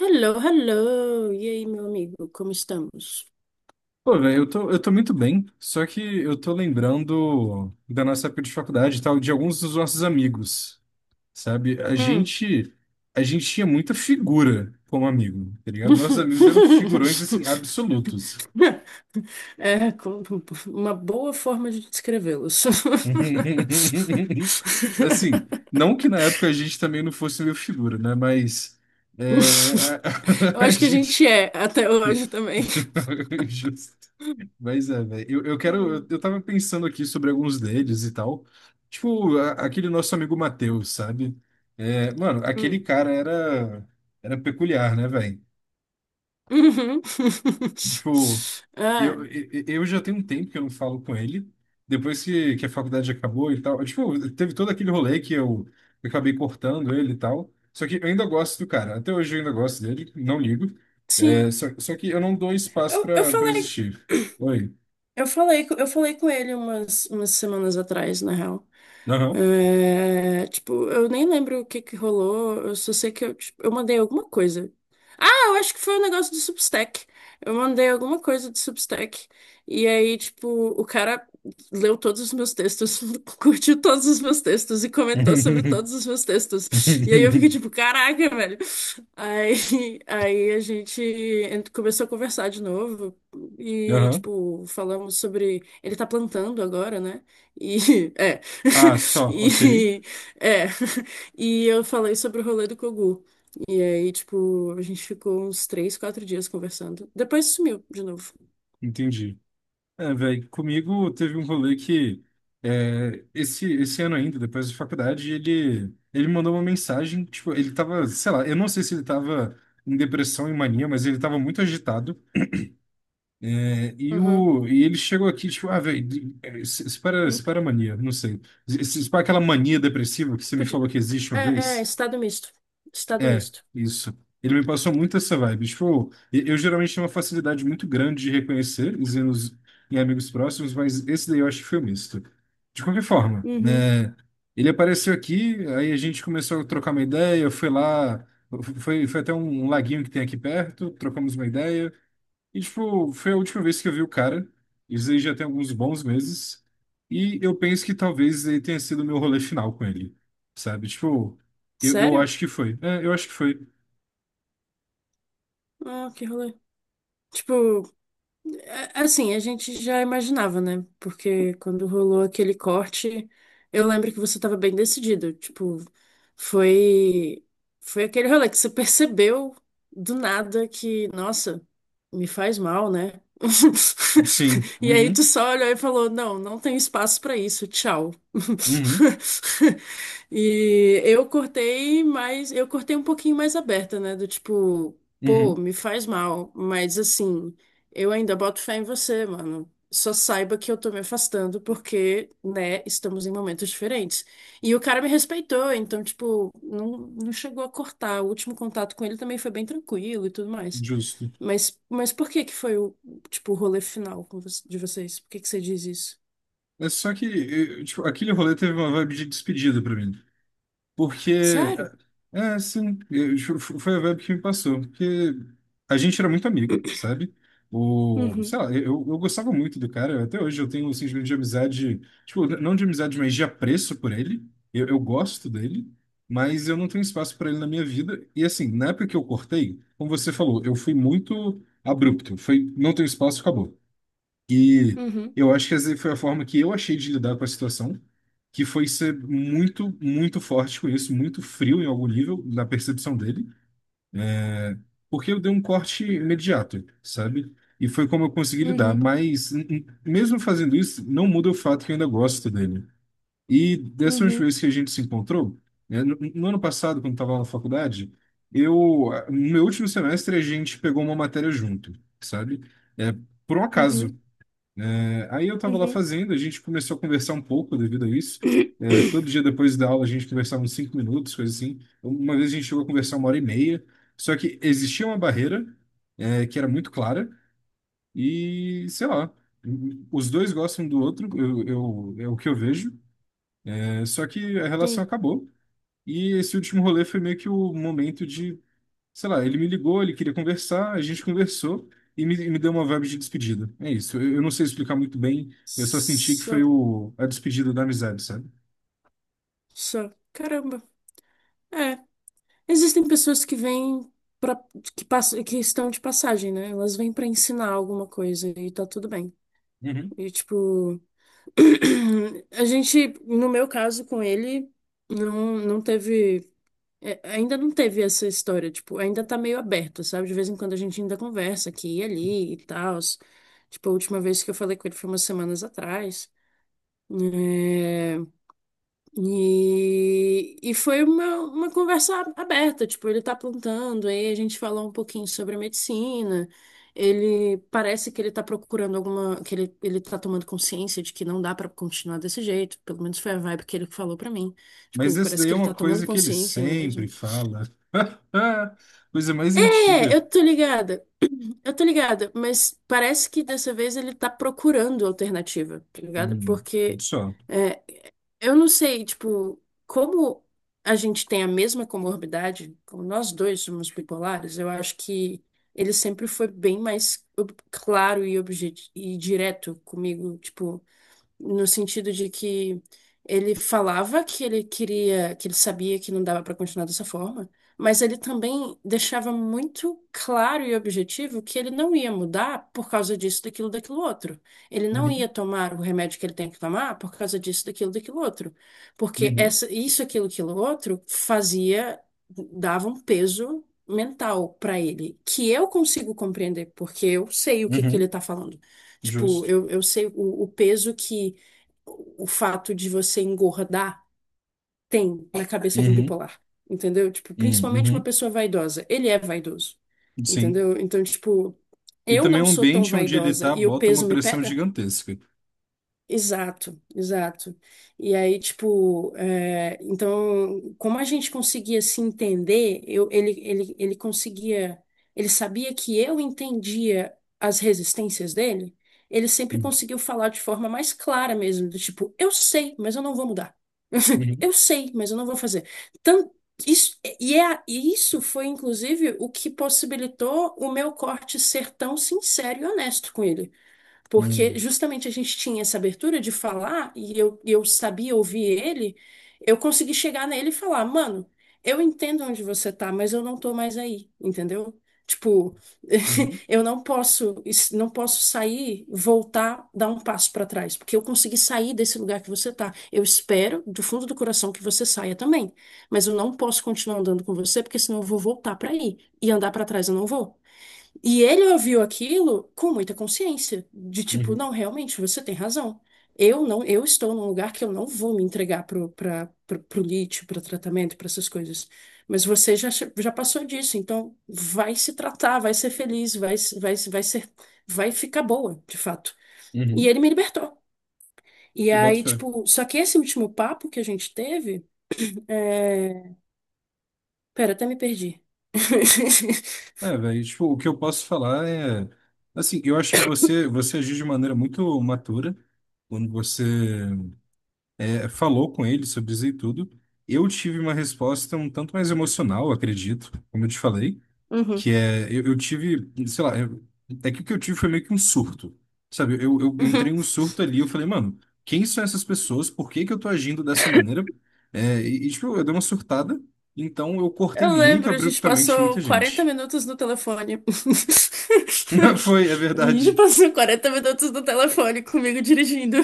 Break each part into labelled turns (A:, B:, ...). A: Hello, hello! E aí, meu amigo, como estamos?
B: Pô, velho, eu tô muito bem, só que eu tô lembrando da nossa época de faculdade e tal, de alguns dos nossos amigos, sabe? A
A: Hum.
B: gente, a gente tinha muita figura como amigo, tá ligado? Nossos amigos eram figurões, assim, absolutos.
A: É, com- uma boa forma de descrevê-los.
B: Assim, não que na época a gente também não fosse meio figura, né? Mas é,
A: Eu
B: a
A: acho que a
B: gente...
A: gente é até hoje também.
B: Mas é, velho. Eu quero. Eu,
A: Hum.
B: eu tava pensando aqui sobre alguns deles e tal. Tipo, aquele nosso amigo Matheus, sabe? É, mano, aquele
A: Hum.
B: cara era peculiar, né, velho?
A: Uhum.
B: Tipo,
A: Ah,
B: eu já tenho um tempo que eu não falo com ele. Depois que a faculdade acabou e tal. Tipo, teve todo aquele rolê que eu acabei cortando ele e tal. Só que eu ainda gosto do cara. Até hoje eu ainda gosto dele, não ligo. É,
A: sim.
B: só que eu não dou espaço
A: Eu, eu
B: pra
A: falei
B: existir. Oi.
A: Eu falei, eu falei com ele umas, umas semanas atrás, na real.
B: Aham.
A: É, tipo, eu nem lembro o que que rolou, eu só sei que eu, tipo, eu mandei alguma coisa. Ah, eu acho que foi um negócio do Substack. Eu mandei alguma coisa do Substack. E aí, tipo, o cara leu todos os meus textos, curtiu todos os meus textos e comentou sobre todos os meus textos. E aí eu fiquei tipo, caraca, velho. Aí, aí a gente começou a conversar de novo e,
B: Aham.
A: tipo, falamos sobre. Ele tá plantando agora, né? E. É.
B: Ah, só, ok.
A: E. É. E eu falei sobre o rolê do Kogu. E aí, tipo, a gente ficou uns três, quatro dias conversando. Depois sumiu de novo.
B: Entendi. É, velho, comigo teve um rolê que esse ano ainda, depois da faculdade, ele mandou uma mensagem, tipo, ele tava, sei lá, eu não sei se ele tava em depressão e mania, mas ele tava muito agitado. é, e,
A: Uhum.
B: o, e ele chegou aqui, tipo, ah, velho, espera, espera a mania, não sei. Espera aquela mania depressiva que você me
A: Podia...
B: falou que existe
A: É,
B: uma vez.
A: estado misto. Estado
B: É,
A: misto.
B: isso. Ele me passou muito essa vibe. Tipo, eu geralmente tenho uma facilidade muito grande de reconhecer os erros em amigos próximos, mas esse daí eu acho que foi misto. De qualquer forma,
A: Uhum.
B: né? Ele apareceu aqui, aí a gente começou a trocar uma ideia, eu fui lá, foi até um laguinho que tem aqui perto, trocamos uma ideia. E, tipo, foi a última vez que eu vi o cara. Isso aí já tem alguns bons meses. E eu penso que talvez ele tenha sido o meu rolê final com ele. Sabe? Tipo, eu
A: Sério?
B: acho que foi. É, eu acho que foi.
A: Ah, que rolê. Tipo, é, assim, a gente já imaginava, né? Porque quando rolou aquele corte, eu lembro que você estava bem decidido. Tipo, foi foi aquele rolê que você percebeu do nada que, nossa, me faz mal, né?
B: Sim.
A: E aí tu
B: Uhum.
A: só olhou e falou, não, não tem espaço pra isso, tchau.
B: Uhum.
A: E eu cortei mais, eu cortei um pouquinho mais aberta, né? Do tipo, pô,
B: Uhum.
A: me faz mal, mas assim. Eu ainda boto fé em você, mano. Só saiba que eu tô me afastando porque, né, estamos em momentos diferentes. E o cara me respeitou, então, tipo, não, não chegou a cortar. O último contato com ele também foi bem tranquilo e tudo mais.
B: Justo.
A: Mas por que que foi o, tipo, o rolê final com de vocês? Por que que você diz isso?
B: É só que, tipo, aquele rolê teve uma vibe de despedida pra mim. Porque,
A: Sério?
B: é, é, sim, foi a vibe que me passou. Porque a gente era muito amigo, sabe? Sei
A: Uhum,
B: lá, eu gostava muito do cara. Até hoje eu tenho um sentimento de amizade, tipo, não de amizade, mas de apreço por ele. Eu gosto dele, mas eu não tenho espaço para ele na minha vida. E assim, na época que eu cortei, como você falou, eu fui muito abrupto. Foi, não tenho espaço, acabou. E
A: uhum,
B: eu acho que essa foi a forma que eu achei de lidar com a situação, que foi ser muito, muito forte com isso, muito frio em algum nível, na percepção dele, é, porque eu dei um corte imediato, sabe? E foi como eu consegui lidar,
A: uhum,
B: mas mesmo fazendo isso, não muda o fato que eu ainda gosto dele. E dessa última
A: uhum,
B: vez que a gente se encontrou, né, no ano passado, quando estava lá na faculdade, eu, no meu último semestre, a gente pegou uma matéria junto, sabe? É, por um acaso.
A: uhum,
B: É, aí eu estava lá
A: uhum.
B: fazendo, a gente começou a conversar um pouco devido a isso. É, todo dia depois da aula a gente conversava uns 5 minutos, coisa assim. Uma vez a gente chegou a conversar uma hora e meia. Só que existia uma barreira, é, que era muito clara e, sei lá, os dois gostam do outro, é o que eu vejo. É, só que a relação
A: Sim.
B: acabou. E esse último rolê foi meio que o momento de sei lá, ele me ligou, ele queria conversar, a gente conversou e me deu uma vibe de despedida. É isso. Eu não sei explicar muito bem, eu só senti que
A: Só,
B: foi a despedida da amizade, sabe?
A: só. Caramba. É. Existem pessoas que vêm para que passam, que estão de passagem, né? Elas vêm para ensinar alguma coisa e tá tudo bem.
B: Uhum.
A: E tipo, a gente, no meu caso com ele, não teve ainda não teve essa história, tipo, ainda tá meio aberto, sabe? De vez em quando a gente ainda conversa aqui e ali e tal. Tipo, a última vez que eu falei com ele foi umas semanas atrás. É, e foi uma conversa aberta, tipo, ele tá plantando, aí a gente falou um pouquinho sobre a medicina, ele parece que ele tá procurando alguma, que ele tá tomando consciência de que não dá pra continuar desse jeito, pelo menos foi a vibe que ele falou pra mim,
B: Mas
A: tipo,
B: essa
A: parece
B: daí
A: que
B: é
A: ele
B: uma
A: tá tomando
B: coisa que ele
A: consciência mesmo.
B: sempre fala. Coisa mais
A: É,
B: antiga.
A: eu tô ligada, mas parece que dessa vez ele tá procurando alternativa, tá ligado?
B: Hum,
A: Porque...
B: só.
A: é, eu não sei, tipo, como a gente tem a mesma comorbidade, como nós dois somos bipolares, eu acho que ele sempre foi bem mais claro e, e direto comigo, tipo, no sentido de que ele falava que ele queria, que ele sabia que não dava para continuar dessa forma, mas ele também deixava muito claro e objetivo que ele não ia mudar por causa disso, daquilo, daquilo outro. Ele não
B: Uhum.
A: ia tomar o remédio que ele tem que tomar por causa disso, daquilo, daquilo outro, porque
B: Uhum.
A: essa, isso, aquilo, aquilo outro fazia, dava um peso mental para ele, que eu consigo compreender, porque eu sei o que que
B: Uhum.
A: ele tá falando. Tipo,
B: Justo.
A: eu sei o peso que o fato de você engordar tem na cabeça de um
B: Uhum.
A: bipolar, entendeu? Tipo, principalmente uma
B: Uhum.
A: pessoa vaidosa. Ele é vaidoso,
B: Uhum. Sim.
A: entendeu? Então, tipo,
B: E
A: eu
B: também
A: não
B: o
A: sou tão
B: ambiente onde ele
A: vaidosa
B: tá
A: e o
B: bota uma
A: peso me
B: pressão
A: pega?
B: gigantesca.
A: Exato, exato. E aí, tipo, é, então, como a gente conseguia se entender, eu, ele conseguia, ele sabia que eu entendia as resistências dele, ele sempre
B: Uhum.
A: conseguiu falar de forma mais clara mesmo, do tipo, eu sei, mas eu não vou mudar.
B: Uhum.
A: Eu sei, mas eu não vou fazer. Tan- isso, e isso foi, inclusive, o que possibilitou o meu corte ser tão sincero e honesto com ele porque
B: Uhum.
A: justamente a gente tinha essa abertura de falar e eu sabia ouvir ele, eu consegui chegar nele e falar, mano, eu entendo onde você tá, mas eu não tô mais aí, entendeu? Tipo,
B: Uhum.
A: eu não posso, não posso sair, voltar, dar um passo pra trás, porque eu consegui sair desse lugar que você tá. Eu espero do fundo do coração que você saia também, mas eu não posso continuar andando com você, porque senão eu vou voltar pra aí e andar pra trás eu não vou. E ele ouviu aquilo com muita consciência, de tipo,
B: Uhum.
A: não, realmente, você tem razão. Eu não, eu estou num lugar que eu não vou me entregar pro lítio, para tratamento, para essas coisas. Mas você já, já passou disso, então vai se tratar, vai ser feliz, vai, se- vai, se- vai ser, vai ficar boa, de fato. E
B: Uhum.
A: ele me libertou. E
B: Eu boto
A: aí,
B: fé.
A: tipo, só que esse último papo que a gente teve, é... Pera, até me perdi.
B: É, velho, tipo, o que eu posso falar é, assim, eu acho que você agiu de maneira muito matura quando você falou com ele sobre isso e tudo. Eu tive uma resposta um tanto mais emocional, acredito, como eu te falei, que
A: Uhum.
B: é, eu, eu tive, sei lá, é que o que eu tive foi meio que um surto, sabe? Eu entrei em um surto ali, eu falei, mano, quem são essas pessoas? Por que que eu tô agindo dessa maneira? É, tipo, eu dei uma surtada, então eu cortei
A: Eu
B: muito
A: lembro, a gente
B: abruptamente
A: passou
B: muita
A: 40
B: gente.
A: minutos no telefone.
B: Foi, é
A: A gente
B: verdade.
A: passou 40 minutos no telefone comigo dirigindo.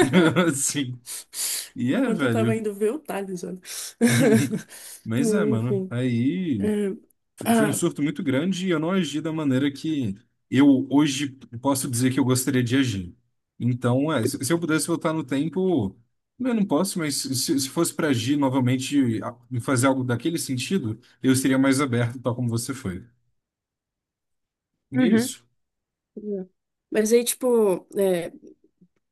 B: Sim. E é,
A: Enquanto eu tava
B: velho.
A: indo ver o Thales, olha. Mas,
B: Mas é, mano.
A: enfim.
B: Aí
A: é,
B: foi um
A: ah,
B: surto muito grande e eu não agi da maneira que eu hoje posso dizer que eu gostaria de agir. Então, é, se eu pudesse voltar no tempo, eu não posso, mas se fosse para agir novamente fazer algo daquele sentido, eu seria mais aberto, tal como você foi. E é
A: Uhum.
B: isso.
A: Mas aí, tipo, é,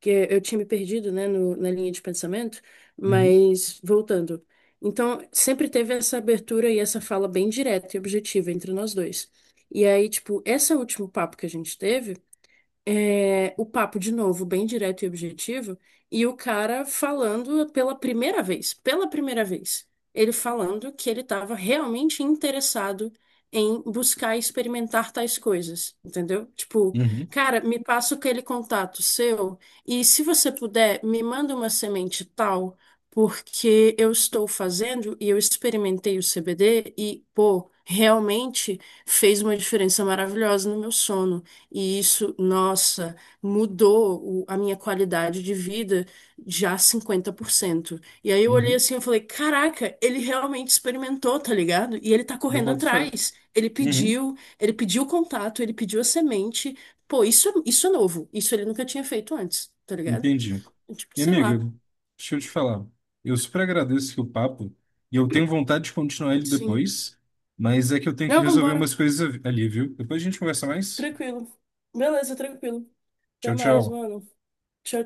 A: que eu tinha me perdido, né, na linha de pensamento,
B: Uhum,
A: mas voltando. Então, sempre teve essa abertura e essa fala bem direta e objetiva entre nós dois. E aí, tipo, esse último papo que a gente teve é, o papo de novo, bem direto e objetivo, e o cara falando pela primeira vez, ele falando que ele estava realmente interessado em buscar experimentar tais coisas, entendeu? Tipo,
B: uhum,
A: cara, me passa aquele contato seu e se você puder, me manda uma semente tal, porque eu estou fazendo e eu experimentei o CBD e, pô, realmente fez uma diferença maravilhosa no meu sono. E isso, nossa, mudou a minha qualidade de vida já 50%. E aí eu olhei
B: uhum.
A: assim e falei, caraca, ele realmente experimentou, tá ligado? E ele tá
B: Eu
A: correndo
B: boto fé.
A: atrás.
B: Uhum.
A: Ele pediu o contato, ele pediu a semente. Pô, isso, isso é novo. Isso ele nunca tinha feito antes, tá ligado?
B: Entendi.
A: Tipo,
B: E
A: sei
B: amiga,
A: lá.
B: deixa eu te falar. Eu super agradeço aqui o papo e eu tenho vontade de continuar ele
A: Sim.
B: depois, mas é que eu tenho que
A: Não,
B: resolver
A: bora.
B: umas coisas ali, viu? Depois a gente conversa mais.
A: Tranquilo. Beleza, tranquilo. Até
B: Tchau,
A: mais,
B: tchau.
A: mano. Tchau,